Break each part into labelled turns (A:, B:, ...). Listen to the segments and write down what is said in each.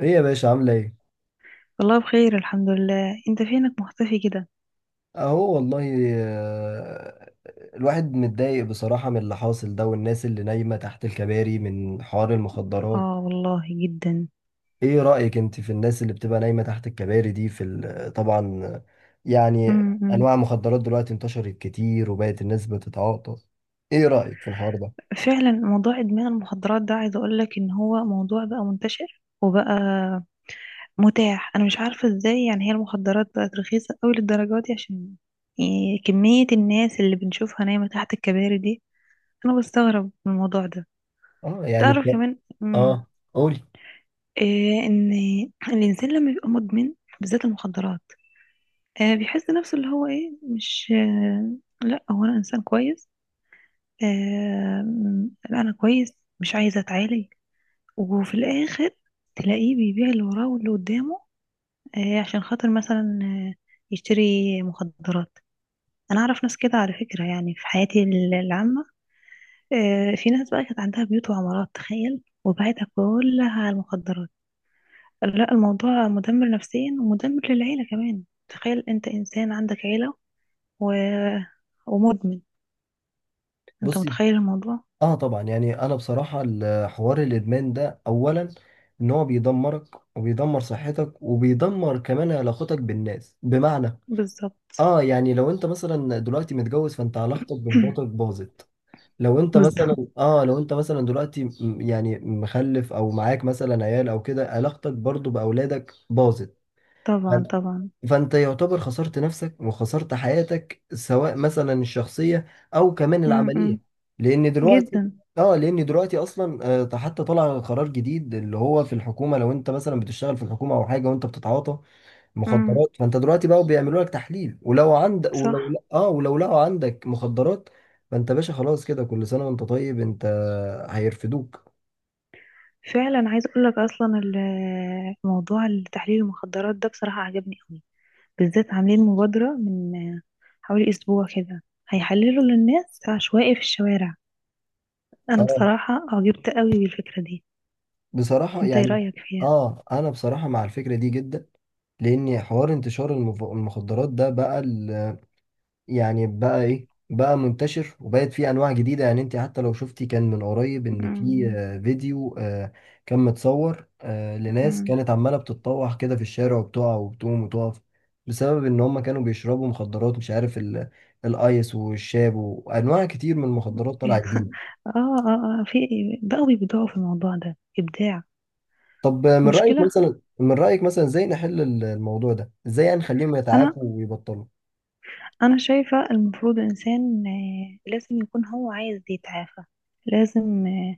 A: ايه يا باشا عاملة ايه؟
B: والله بخير، الحمد لله. انت فينك مختفي كده؟
A: اهو والله. آه، الواحد متضايق بصراحة من اللي حاصل ده والناس اللي نايمة تحت الكباري من حوار المخدرات.
B: اه والله جدا.
A: ايه رأيك انت في الناس اللي بتبقى نايمة تحت الكباري دي في طبعا. يعني
B: امم.
A: انواع المخدرات دلوقتي انتشرت كتير وبقت الناس بتتعاطى. ايه رأيك في الحوار ده؟
B: فعلا موضوع ادمان المخدرات ده، عايز اقول لك ان هو موضوع بقى منتشر وبقى متاح. انا مش عارفه ازاي، يعني هي المخدرات بقت رخيصه قوي للدرجه دي، عشان يعني كميه الناس اللي بنشوفها نايمه تحت الكباري دي. انا بستغرب من الموضوع ده.
A: اه يعني
B: تعرف كمان،
A: اه قولي.
B: إيه؟ ان الانسان لما بيبقى مدمن، بالذات المخدرات، بيحس نفسه اللي هو ايه، مش لا، هو انا انسان كويس، انا كويس، مش عايزه اتعالج. وفي الاخر تلاقيه بيبيع اللي وراه واللي قدامه، عشان خاطر مثلا يشتري مخدرات. انا اعرف ناس كده على فكره، يعني في حياتي العامه، في ناس بقى كانت عندها بيوت وعمارات، تخيل، وبعتها كلها على المخدرات. لا، الموضوع مدمر نفسيا، ومدمر للعيله كمان. تخيل انت انسان عندك عيله و... ومدمن. انت
A: بصي،
B: متخيل الموضوع؟
A: اه طبعا، يعني انا بصراحة حوار الادمان ده اولا ان هو بيدمرك وبيدمر صحتك وبيدمر كمان علاقتك بالناس، بمعنى
B: بالظبط.
A: اه، يعني لو انت مثلا دلوقتي متجوز فانت علاقتك بمراتك باظت. لو انت
B: بالظبط.
A: مثلا اه، لو انت مثلا دلوقتي يعني مخلف او معاك مثلا عيال او كده، علاقتك برضو باولادك باظت.
B: طبعا طبعا.
A: فانت يعتبر خسرت نفسك وخسرت حياتك، سواء مثلا الشخصية او كمان
B: امم.
A: العملية. لان دلوقتي
B: جدا.
A: اه، لان دلوقتي اصلا حتى طلع قرار جديد اللي هو في الحكومة، لو انت مثلا بتشتغل في الحكومة او حاجة وانت بتتعاطى
B: امم.
A: مخدرات فانت دلوقتي بقى بيعملوا لك تحليل، ولو عند ولو
B: صح.
A: اه ولو لقوا عندك مخدرات فانت باشا خلاص كده، كل سنة وانت طيب، انت هيرفدوك.
B: فعلا، عايز اقول لك اصلا موضوع تحليل المخدرات ده بصراحة عجبني قوي. بالذات عاملين مبادرة من حوالي اسبوع كده، هيحللوا للناس عشوائي في الشوارع. انا
A: اه
B: بصراحة اعجبت قوي بالفكرة دي.
A: بصراحة
B: انت ايه
A: يعني،
B: رأيك فيها؟
A: اه انا بصراحة مع الفكرة دي جدا، لان حوار انتشار المخدرات ده بقى يعني بقى ايه، بقى منتشر وبقت فيه انواع جديده. يعني انت حتى لو شفتي كان من قريب ان في
B: امم،
A: فيديو كان متصور لناس
B: امم.
A: كانت عماله بتتطوح كده في الشارع وبتقع وبتقوم وتقف بسبب ان هم كانوا بيشربوا مخدرات، مش عارف الايس والشاب وانواع كتير من المخدرات طالعه جديد.
B: اه، اه، في. بقوا بيبدعوا في الموضوع ده ابداع.
A: طب من رايك
B: مشكلة.
A: مثلا من رايك مثلا ازاي نحل الموضوع ده، ازاي يعني نخليهم
B: انا
A: يتعافوا ويبطلوا.
B: انا شايفة المفروض الانسان لازم يكون هو عايز يتعافى. لازم آه،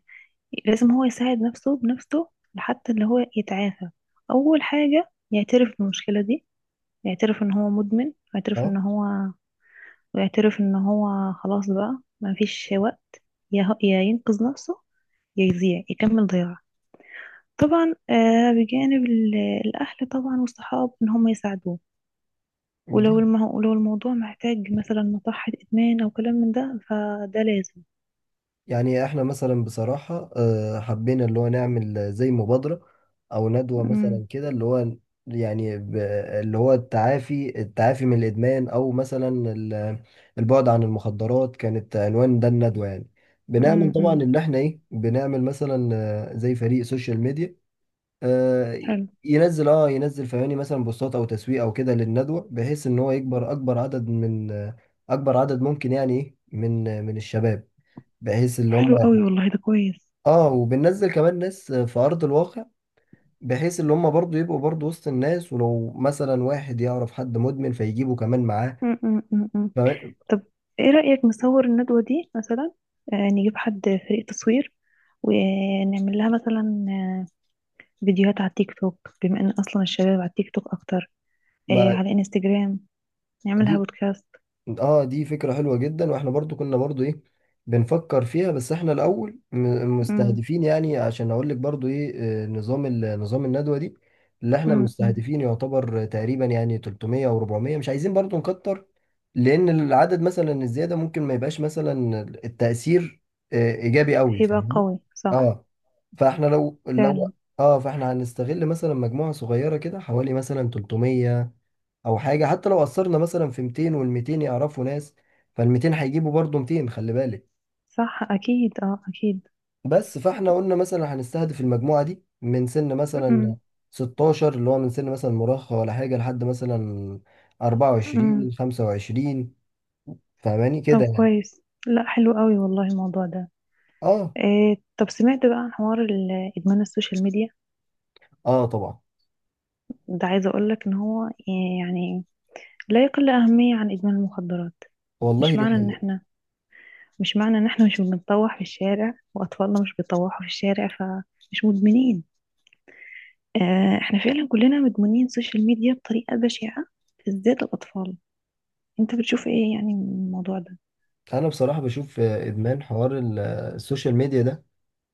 B: لازم هو يساعد نفسه بنفسه لحتى اللي هو يتعافى. اول حاجة يعترف بالمشكلة دي، يعترف ان هو مدمن،
A: اه
B: ويعترف ان هو خلاص بقى ما فيش وقت. يا ينقذ نفسه، يا يضيع يكمل ضياع. طبعا، بجانب الاهل طبعا والصحاب، ان هم يساعدوه. ولو الموضوع محتاج مثلا مصحة إدمان أو كلام من ده، فده لازم.
A: يعني احنا مثلا بصراحة حبينا اللي هو نعمل زي مبادرة او ندوة
B: أمم،
A: مثلا كده، اللي هو يعني اللي هو التعافي من الادمان، او مثلا البعد عن المخدرات، كانت عنوان ده الندوة. يعني بنعمل
B: أمم،
A: طبعا
B: أمم.
A: ان احنا ايه، بنعمل مثلا زي فريق سوشيال ميديا آه،
B: حلو.
A: ينزل اه، ينزل فهماني مثلا بوستات او تسويق او كده للندوة، بحيث ان هو يكبر اكبر عدد من اكبر عدد ممكن يعني ايه من من الشباب، بحيث
B: طب
A: اللي هم
B: حلو قوي والله، ده كويس.
A: اه، وبننزل كمان ناس في ارض الواقع، بحيث ان هم برضو يبقوا برضو وسط الناس، ولو مثلا واحد يعرف حد مدمن فيجيبه كمان معاه.
B: أمم، أمم، أمم، أمم.
A: فما-
B: طب إيه رأيك نصور الندوة دي مثلا، نجيب حد، فريق تصوير، ونعمل لها مثلا فيديوهات على التيك توك، بما إن أصلا الشباب على التيك توك أكتر،
A: ما
B: على إنستجرام، نعملها
A: دي
B: بودكاست.
A: اه، دي فكرة حلوة جدا، واحنا برضو كنا برضو ايه، بنفكر فيها، بس احنا الاول
B: أمم،
A: مستهدفين يعني عشان اقول لك برضو ايه، نظام نظام الندوة دي اللي احنا
B: أمم، أمم.
A: مستهدفين يعتبر تقريبا يعني 300 او 400، مش عايزين برضو نكتر، لان العدد مثلا الزيادة ممكن ما يبقاش مثلا التأثير ايجابي قوي،
B: هيبقى
A: فاهمني.
B: قوي صح.
A: اه فاحنا لو
B: فعلا.
A: اه، فاحنا هنستغل مثلا مجموعة صغيرة كده، حوالي مثلا 300 او حاجه، حتى لو قصرنا مثلا في 200 وال 200 يعرفوا ناس فال 200 هيجيبوا برضه 200، خلي بالك.
B: صح أكيد، أه، أكيد.
A: بس فاحنا قلنا مثلا هنستهدف المجموعه دي من سن مثلا
B: أمم،
A: 16، اللي هو من سن مثلا مراهقه ولا حاجه، لحد مثلا
B: أمم.
A: 24 25. فاهماني
B: طب
A: كده يعني.
B: كويس، لا حلو قوي والله، الموضوع ده
A: اه
B: إيه. طب سمعت بقى عن حوار ادمان السوشيال ميديا
A: اه طبعا.
B: ده؟ عايزه اقول لك ان هو يعني لا يقل اهميه عن ادمان المخدرات.
A: والله
B: مش
A: دي
B: معنى ان
A: حقيقه.
B: احنا مش معنى ان احنا مش بنطوح في الشارع، واطفالنا مش بيطوحوا في الشارع، فمش مدمنين. احنا فعلا كلنا مدمنين سوشيال ميديا بطريقه بشعه، بالذات الاطفال. انت بتشوف ايه يعني من الموضوع ده؟
A: انا بصراحه بشوف ادمان حوار السوشيال ميديا ده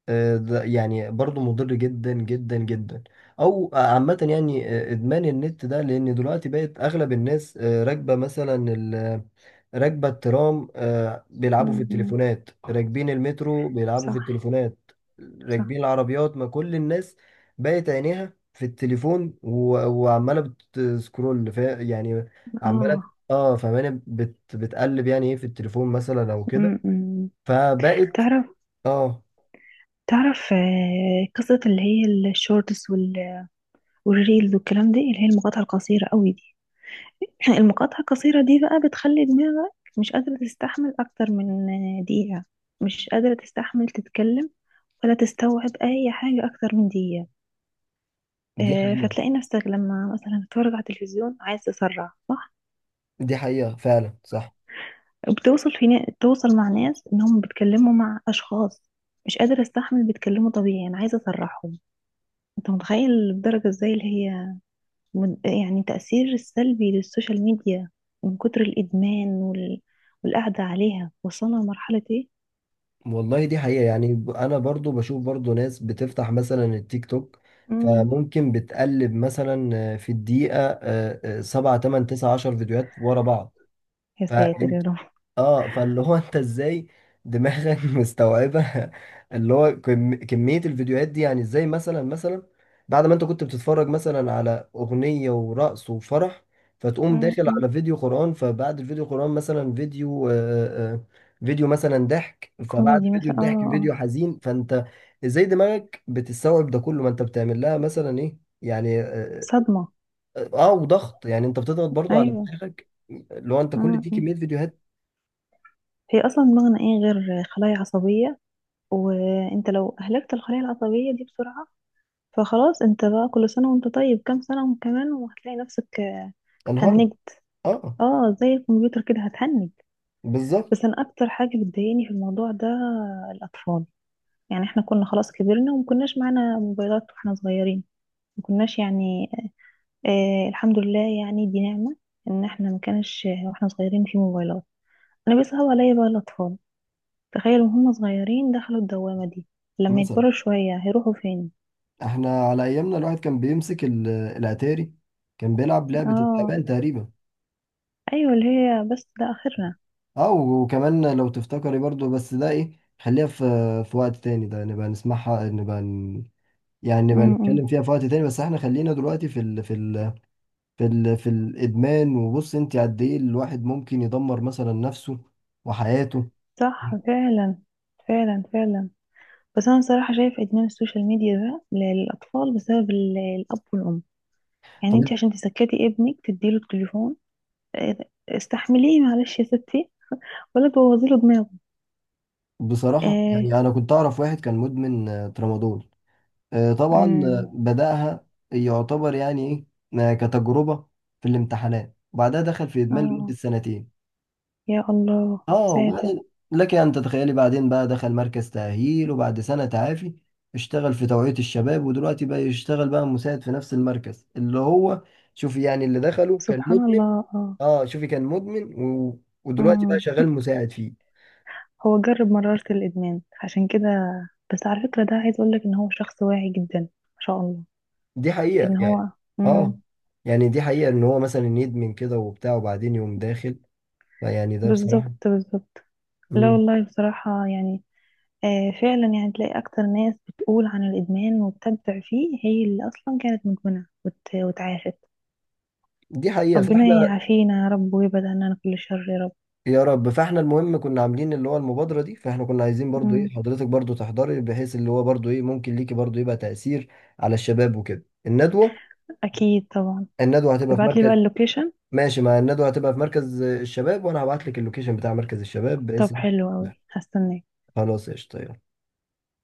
A: آه، ده يعني برضو مضر جدا جدا جدا، او عامة يعني ادمان النت ده. لان دلوقتي بقت اغلب الناس راكبة مثلا راكبة الترام، بيلعبوا في
B: م.
A: التليفونات، راكبين المترو بيلعبوا في
B: صح.
A: التليفونات،
B: صح
A: راكبين العربيات، ما كل الناس بقت عينيها في التليفون وعمالة بتسكرول يعني عمالة
B: اه.
A: اه، فماني بت، بتقلب يعني ايه في التليفون مثلا او كده
B: م- م.
A: فبقت
B: تعرف
A: اه.
B: تعرف قصة اللي هي الشورتس والريلز والكلام دي، اللي هي المقاطعة القصيرة قوي دي. المقاطعة القصيرة دي بقى بتخلي دماغك مش قادرة تستحمل أكتر من دقيقة، مش قادرة تستحمل تتكلم، ولا تستوعب أي حاجة أكتر من دقيقة.
A: دي حقيقة،
B: فتلاقي نفسك لما مثلا تتفرج على التلفزيون، عايز تسرع، صح؟
A: دي حقيقة فعلا صح.
B: توصل مع ناس إنهم بيتكلموا مع أشخاص، مش قادرة استحمل بيتكلموا طبيعي، أنا عايزة أسرحهم. أنت متخيل الدرجة إزاي اللي هي يعني تأثير السلبي للسوشيال ميديا، من كتر الإدمان والقعدة عليها وصلنا لمرحلة إيه؟
A: والله دي حقيقة يعني أنا برضو بشوف برضو ناس بتفتح مثلا التيك توك
B: مم.
A: فممكن بتقلب مثلا في الدقيقة سبعة تمن تسعة عشر فيديوهات ورا بعض
B: يا ساتر يا
A: فأنت
B: رب.
A: اه، فاللي هو انت ازاي دماغك مستوعبة اللي هو كمية الفيديوهات دي يعني ازاي مثلا، مثلا بعد ما انت كنت بتتفرج مثلا على اغنية ورقص وفرح فتقوم
B: مم.
A: داخل
B: مم.
A: على فيديو قرآن، فبعد الفيديو قرآن مثلا فيديو فيديو مثلا ضحك، فبعد
B: كوميدي
A: فيديو
B: مثلا.
A: الضحك فيديو حزين، فانت ازاي دماغك بتستوعب ده كله؟ ما انت بتعمل لها مثلا ايه يعني، اه
B: صدمة.
A: وضغط، يعني انت بتضغط برضو على
B: أيوة.
A: دماغك اللي هو انت كل
B: مم.
A: دي
B: مم.
A: كمية فيديوهات.
B: هي أصلا دماغنا إيه غير خلايا عصبية، وأنت لو أهلكت الخلايا العصبية دي بسرعة، فخلاص. أنت بقى كل سنة وأنت طيب، كام سنة كمان وهتلاقي نفسك
A: انهارت
B: هنجت.
A: اه،
B: زي الكمبيوتر كده هتهنج.
A: بالظبط.
B: بس أنا أكتر حاجة بتضايقني في الموضوع ده الأطفال. يعني احنا كنا خلاص كبرنا وما كناش معانا موبايلات واحنا صغيرين، ما كناش يعني، الحمد لله، يعني دي نعمة ان احنا ما كانش واحنا صغيرين في موبايلات. انا بيصعب عليا بقى الاطفال، تخيلوا وهم صغيرين دخلوا الدوامة دي، لما
A: مثلا
B: يكبروا شوية هيروحوا فين؟
A: احنا على ايامنا الواحد كان بيمسك الاتاري، كان بيلعب لعبة
B: اه،
A: التعبان تقريبا.
B: ايوه، اللي هي بس ده اخرنا.
A: اه، وكمان لو تفتكري برضو، بس ده ايه، خليها في في وقت تاني، ده نبقى نسمعها نبقى يعني نبقى نتكلم
B: امم.
A: فيها في وقت تاني، بس احنا خلينا دلوقتي في الادمان. وبص انت قد ايه الواحد ممكن يدمر مثلا نفسه وحياته.
B: صح، فعلا فعلا فعلا. بس انا صراحة شايف ادمان السوشيال ميديا ده للاطفال بسبب الاب والام. يعني
A: طب
B: انت عشان تسكتي ابنك تديله التليفون، آه، استحمليه معلش يا ستي، ولا تبوظي له دماغه.
A: بصراحة
B: آه.
A: يعني انا كنت اعرف واحد كان مدمن ترامادول. طبعا
B: امم.
A: بدأها يعتبر يعني ايه، كتجربة في الامتحانات، وبعدها دخل في إدمان لمدة
B: اه.
A: سنتين.
B: يا الله يا
A: اه
B: ساتر.
A: وبعدين لك أن تتخيلي، بعدين بقى دخل مركز تأهيل وبعد سنة تعافي اشتغل في توعية الشباب، ودلوقتي بقى يشتغل بقى مساعد في نفس المركز اللي هو، شوفي يعني اللي دخله كان
B: سبحان
A: مدمن،
B: الله اه.
A: اه شوفي كان مدمن ودلوقتي بقى
B: امم.
A: شغال مساعد فيه.
B: هو جرب مرارة الإدمان عشان كده، بس على فكرة ده عايز أقولك إن هو شخص واعي جدا ما شاء الله،
A: دي حقيقة
B: إن
A: يعني
B: هو.
A: اه،
B: امم.
A: يعني دي حقيقة ان هو مثلا يدمن كده وبتاع وبعدين يقوم داخل، فيعني ده
B: بالظبط
A: بصراحة،
B: بالظبط. لا
A: مم.
B: والله بصراحة يعني، فعلا يعني تلاقي أكتر ناس بتقول عن الإدمان وبتبدع فيه هي اللي أصلا كانت مدمنة وتعافت.
A: دي حقيقة،
B: ربنا
A: فاحنا
B: يعافينا يا رب، ويبعد عننا كل شر يا رب.
A: يا رب. فاحنا المهم كنا عاملين اللي هو المبادرة دي، فاحنا كنا عايزين برضو ايه
B: مم.
A: حضرتك برضو تحضري، بحيث اللي هو برضو ايه ممكن ليكي برضو يبقى تأثير على الشباب وكده الندوة.
B: اكيد طبعا.
A: الندوة هتبقى في
B: ابعت لي بقى
A: مركز.
B: اللوكيشن.
A: ماشي، مع الندوة هتبقى في مركز الشباب، وانا هبعت لك اللوكيشن بتاع مركز الشباب
B: طب
A: باسم.
B: حلو قوي هستناك.
A: خلاص قشطة يلا.